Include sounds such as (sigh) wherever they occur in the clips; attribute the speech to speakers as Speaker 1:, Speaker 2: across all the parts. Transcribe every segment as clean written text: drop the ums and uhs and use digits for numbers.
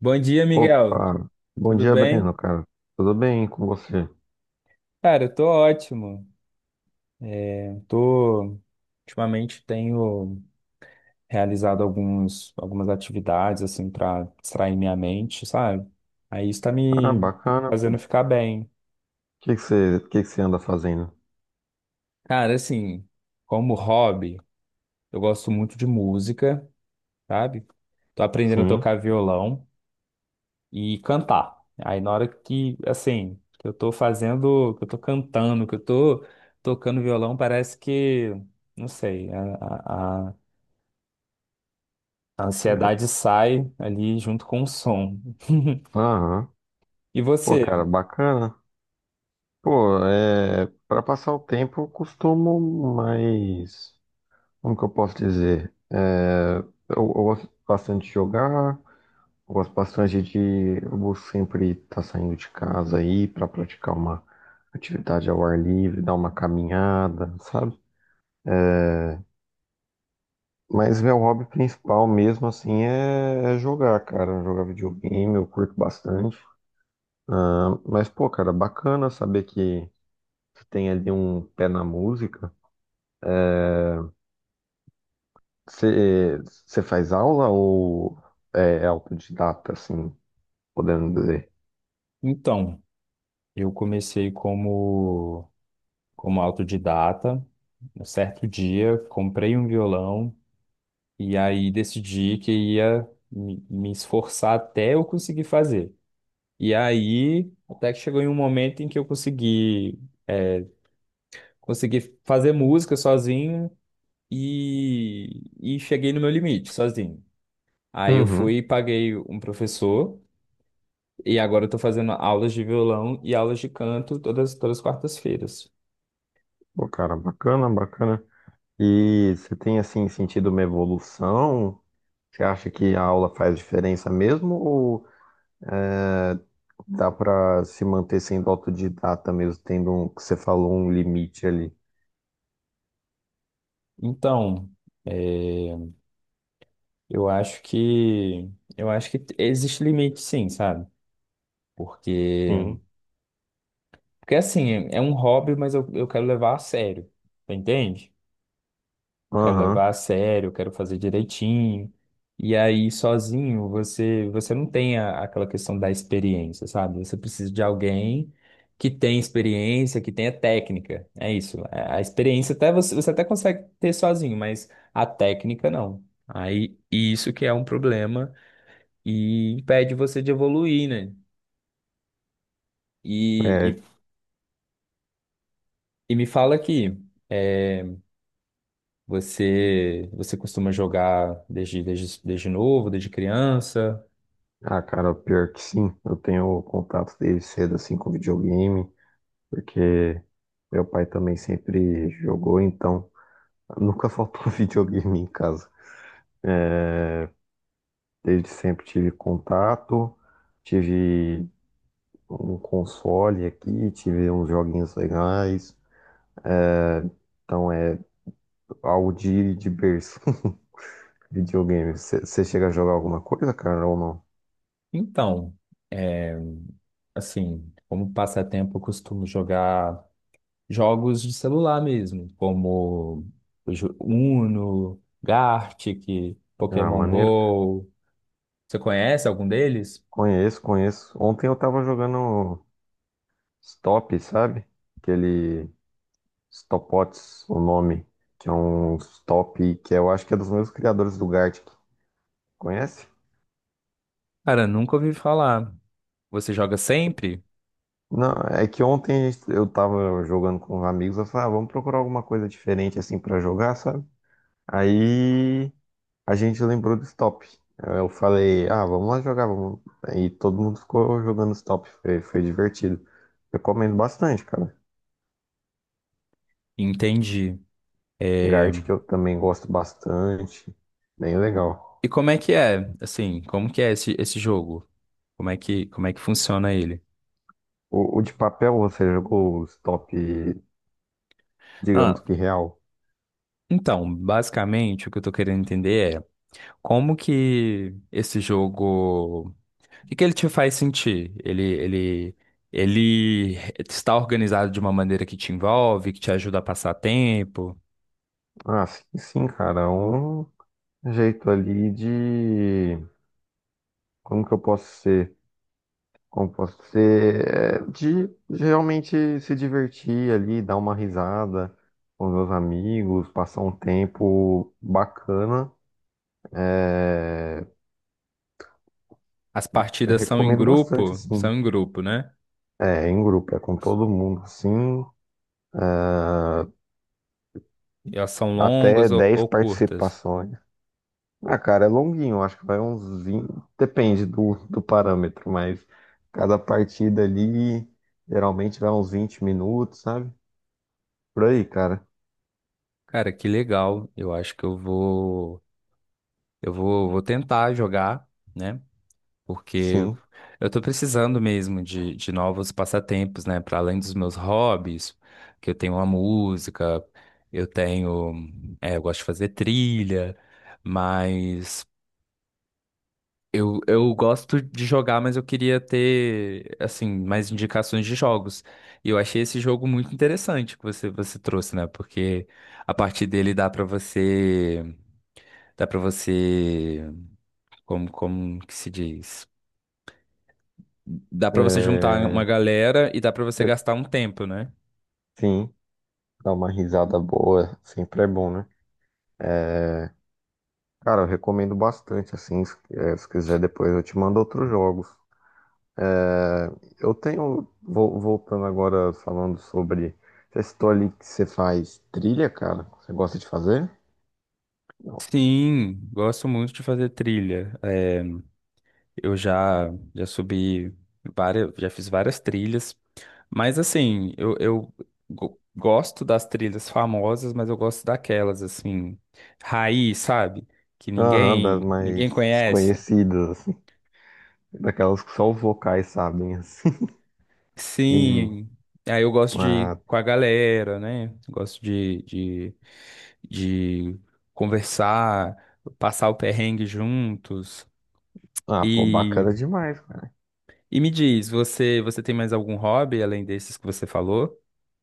Speaker 1: Bom dia, Miguel.
Speaker 2: Opa, bom
Speaker 1: Tudo
Speaker 2: dia, Breno,
Speaker 1: bem?
Speaker 2: cara. Tudo bem com você?
Speaker 1: Cara, eu tô ótimo. Eu tô ultimamente tenho realizado alguns algumas atividades assim para distrair minha mente, sabe? Aí isso tá
Speaker 2: Ah,
Speaker 1: me
Speaker 2: bacana, pô.
Speaker 1: fazendo
Speaker 2: O
Speaker 1: ficar bem.
Speaker 2: que que você anda fazendo?
Speaker 1: Cara, assim, como hobby, eu gosto muito de música, sabe? Tô aprendendo a
Speaker 2: Sim.
Speaker 1: tocar violão e cantar. Aí na hora que, assim, que eu tô fazendo, que eu tô cantando, que eu tô tocando violão, parece que, não sei, a ansiedade sai ali junto com o som. (laughs)
Speaker 2: Aham.
Speaker 1: E
Speaker 2: Pô,
Speaker 1: você?
Speaker 2: cara, bacana. Pô, é, para passar o tempo, eu costumo mais, como que eu posso dizer? Eu gosto bastante de jogar, eu gosto bastante de, eu vou sempre estar saindo de casa aí para praticar uma atividade ao ar livre, dar uma caminhada, sabe? Mas meu hobby principal mesmo assim é jogar, cara. Jogar videogame, eu curto bastante. Ah, mas, pô, cara, bacana saber que você tem ali um pé na música. Você você faz aula ou é autodidata, assim, podendo dizer?
Speaker 1: Então, eu comecei como, como autodidata. Um certo dia, comprei um violão e aí decidi que ia me esforçar até eu conseguir fazer. E aí, até que chegou em um momento em que eu consegui, é, consegui fazer música sozinho e cheguei no meu limite sozinho. Aí eu
Speaker 2: Uhum.
Speaker 1: fui e paguei um professor, e agora eu tô fazendo aulas de violão e aulas de canto todas as quartas-feiras.
Speaker 2: Pô, cara, bacana, bacana. E você tem, assim, sentido uma evolução? Você acha que a aula faz diferença mesmo? Ou é dá pra se manter sendo autodidata mesmo, tendo um, que você falou, um limite ali.
Speaker 1: Então, é, eu acho que existe limite sim, sabe? Porque,
Speaker 2: Sim.
Speaker 1: porque assim, é um hobby, mas eu quero levar a sério, tá, entende? Eu quero
Speaker 2: Aham.
Speaker 1: levar a sério, eu quero fazer direitinho. E aí, sozinho, você não tem aquela questão da experiência, sabe? Você precisa de alguém que tem experiência, que tenha técnica. É isso. A experiência até você até consegue ter sozinho, mas a técnica não. Aí, isso que é um problema e impede você de evoluir, né? E,
Speaker 2: É,
Speaker 1: e, e me fala aqui, é, você, costuma jogar desde novo, desde criança?
Speaker 2: ah, cara, pior que sim. Eu tenho contato desde cedo, assim, com videogame, porque meu pai também sempre jogou, então nunca faltou (laughs) videogame em casa. Desde sempre tive contato, tive um console aqui, tive uns joguinhos legais. Então é algo de berço. (laughs) Videogame. Você chega a jogar alguma coisa, cara, ou não?
Speaker 1: Então, é, assim, como passatempo, eu costumo jogar jogos de celular mesmo, como Uno, Gartic,
Speaker 2: Ah,
Speaker 1: Pokémon
Speaker 2: maneiro.
Speaker 1: Go. Você conhece algum deles?
Speaker 2: Conheço, conheço. Ontem eu tava jogando Stop, sabe? Aquele Stopots, o nome. Que é um Stop que eu acho que é dos mesmos criadores do Gartic. Conhece?
Speaker 1: Cara, nunca ouvi falar. Você joga sempre?
Speaker 2: Não, é que ontem eu tava jogando com os amigos. Eu falei, ah, vamos procurar alguma coisa diferente assim pra jogar, sabe? Aí a gente lembrou do stop. Eu falei, ah, vamos lá jogar, vamos. E todo mundo ficou jogando stop. Foi divertido. Recomendo bastante, cara.
Speaker 1: Entendi. É,
Speaker 2: Gart, que eu também gosto bastante. Bem legal.
Speaker 1: e como é que é? Assim, como que é esse jogo? Como é que funciona ele?
Speaker 2: O de papel, você jogou o stop, digamos
Speaker 1: Ah,
Speaker 2: que real?
Speaker 1: então, basicamente, o que eu tô querendo entender é como que esse jogo, que ele te faz sentir? Ele está organizado de uma maneira que te envolve, que te ajuda a passar tempo.
Speaker 2: Ah, sim, sim, cara. É um jeito ali de. Como que eu posso ser? Como posso ser é, de realmente se divertir ali, dar uma risada com meus amigos, passar um tempo bacana. É,
Speaker 1: As
Speaker 2: eu
Speaker 1: partidas
Speaker 2: recomendo bastante,
Speaker 1: são
Speaker 2: assim,
Speaker 1: em grupo, né?
Speaker 2: é, em grupo, é com todo mundo, assim,
Speaker 1: E elas são
Speaker 2: até
Speaker 1: longas
Speaker 2: 10
Speaker 1: ou curtas.
Speaker 2: participações. Ah, cara, é longuinho, acho que vai uns 20. Depende do, do parâmetro, mas cada partida ali geralmente vai uns 20 minutos, sabe? Por aí, cara,
Speaker 1: Cara, que legal. Eu acho que vou tentar jogar, né? Porque
Speaker 2: sim.
Speaker 1: eu tô precisando mesmo de novos passatempos, né? Para além dos meus hobbies, que eu tenho a música, eu tenho, eu gosto de fazer trilha, mas eu gosto de jogar, mas eu queria ter, assim, mais indicações de jogos. E eu achei esse jogo muito interessante que você trouxe, né? Porque a partir dele dá para você, como, como que se diz? Dá pra você juntar uma
Speaker 2: É,
Speaker 1: galera e dá pra você
Speaker 2: é
Speaker 1: gastar um tempo, né?
Speaker 2: Sim, dar uma risada boa sempre é bom, né? Cara, eu recomendo bastante, assim, se, se quiser depois eu te mando outros jogos. É, eu tenho, voltando agora, falando sobre, você citou ali que você faz trilha, cara? Você gosta de fazer? Não.
Speaker 1: Sim, gosto muito de fazer trilha. É, eu já subi várias, já fiz várias trilhas, mas assim, eu, gosto das trilhas famosas, mas eu gosto daquelas assim, raiz, sabe? Que
Speaker 2: Aham, das
Speaker 1: ninguém
Speaker 2: mais
Speaker 1: conhece.
Speaker 2: desconhecidas, assim, daquelas que só os vocais sabem, assim. (laughs) E,
Speaker 1: Sim, aí eu gosto de ir
Speaker 2: ah,
Speaker 1: com a galera, né? Gosto de conversar, passar o perrengue juntos.
Speaker 2: ah, pô,
Speaker 1: E,
Speaker 2: bacana demais, cara.
Speaker 1: me diz, você tem mais algum hobby além desses que você falou?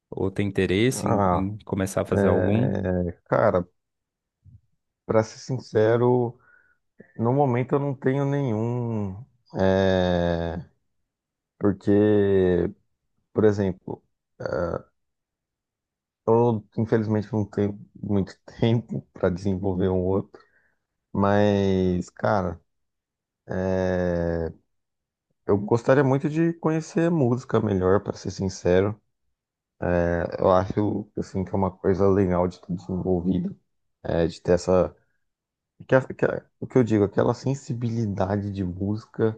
Speaker 1: Ou tem interesse
Speaker 2: Ah,
Speaker 1: em começar a fazer algum?
Speaker 2: é, cara, pra ser sincero. No momento eu não tenho nenhum, é, porque, por exemplo, eu infelizmente não tenho muito (laughs) tempo para desenvolver um outro, mas, cara, é, eu gostaria muito de conhecer música melhor, para ser sincero. Eu acho, assim, que é uma coisa legal de ter desenvolvido, é, de ter essa, que, que, o que eu digo, aquela sensibilidade de música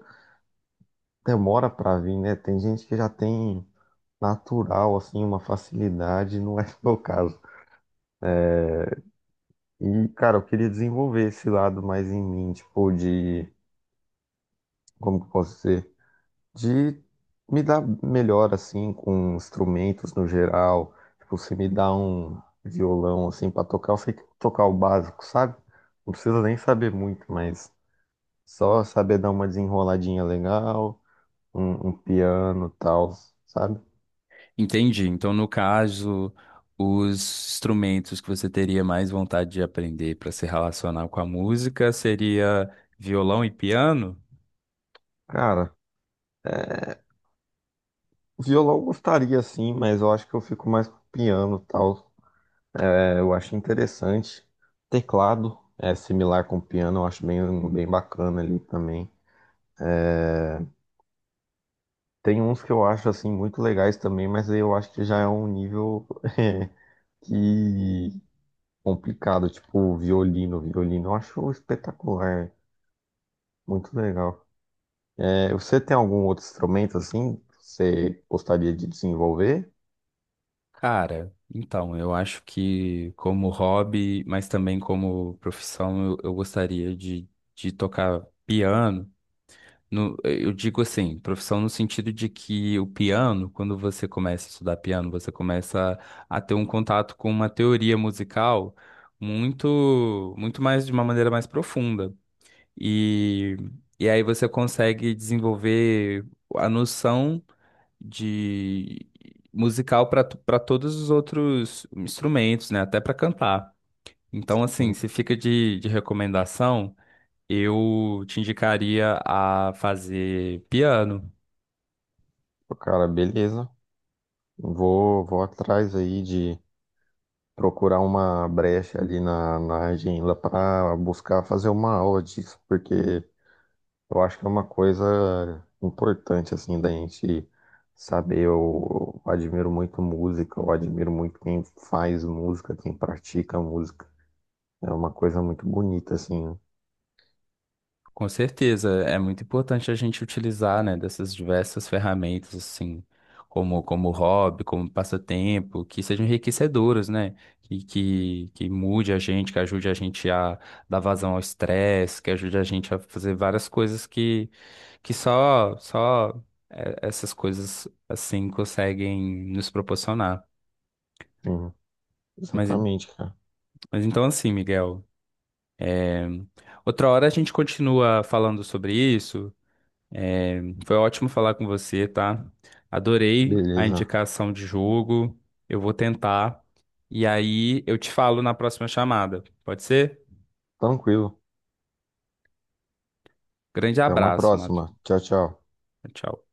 Speaker 2: demora para vir, né? Tem gente que já tem natural, assim, uma facilidade, não é (laughs) o meu caso. E, cara, eu queria desenvolver esse lado mais em mim, tipo, de, como que eu posso dizer? De me dar melhor, assim, com instrumentos no geral. Tipo, se me dá um violão, assim, pra tocar, eu sei tocar o básico, sabe? Não precisa nem saber muito, mas só saber dar uma desenroladinha legal, um piano e tal, sabe?
Speaker 1: Entendi. Então, no caso, os instrumentos que você teria mais vontade de aprender para se relacionar com a música seria violão e piano?
Speaker 2: Cara. é Violão eu gostaria sim, mas eu acho que eu fico mais com piano e tal. É, eu acho interessante. Teclado é similar com piano, eu acho bem, bem bacana ali também. É, tem uns que eu acho assim muito legais também, mas aí eu acho que já é um nível (laughs) é, que complicado, tipo violino, violino, eu acho espetacular, muito legal. É, você tem algum outro instrumento assim que você gostaria de desenvolver?
Speaker 1: Cara, então, eu acho que como hobby, mas também como profissão, eu gostaria de tocar piano. No, eu digo assim, profissão no sentido de que o piano, quando você começa a estudar piano, você começa a ter um contato com uma teoria musical muito, muito mais de uma maneira mais profunda. E, e aí você consegue desenvolver a noção de musical para todos os outros instrumentos, né? Até para cantar. Então, assim,
Speaker 2: Hum,
Speaker 1: se fica de recomendação, eu te indicaria a fazer piano.
Speaker 2: Cara, beleza. Vou, vou atrás aí de procurar uma brecha ali na, na agenda para buscar fazer uma aula disso, porque eu acho que é uma coisa importante, assim, da gente saber. Eu admiro muito música, eu admiro muito quem faz música, quem pratica música. É uma coisa muito bonita, assim.
Speaker 1: Com certeza, é muito importante a gente utilizar, né, dessas diversas ferramentas, assim, como, como hobby, como passatempo, que sejam enriquecedoras, né, que mude a gente, que ajude a gente a dar vazão ao estresse, que ajude a gente a fazer várias coisas que, só essas coisas, assim, conseguem nos proporcionar.
Speaker 2: Sim,
Speaker 1: Mas,
Speaker 2: exatamente, cara.
Speaker 1: mas então, assim, Miguel, outra hora a gente continua falando sobre isso. Foi ótimo falar com você, tá? Adorei a
Speaker 2: Beleza.
Speaker 1: indicação de jogo. Eu vou tentar. E aí eu te falo na próxima chamada. Pode ser?
Speaker 2: Tranquilo.
Speaker 1: Grande
Speaker 2: Até uma
Speaker 1: abraço, Matheus.
Speaker 2: próxima. Tchau, tchau.
Speaker 1: Tchau.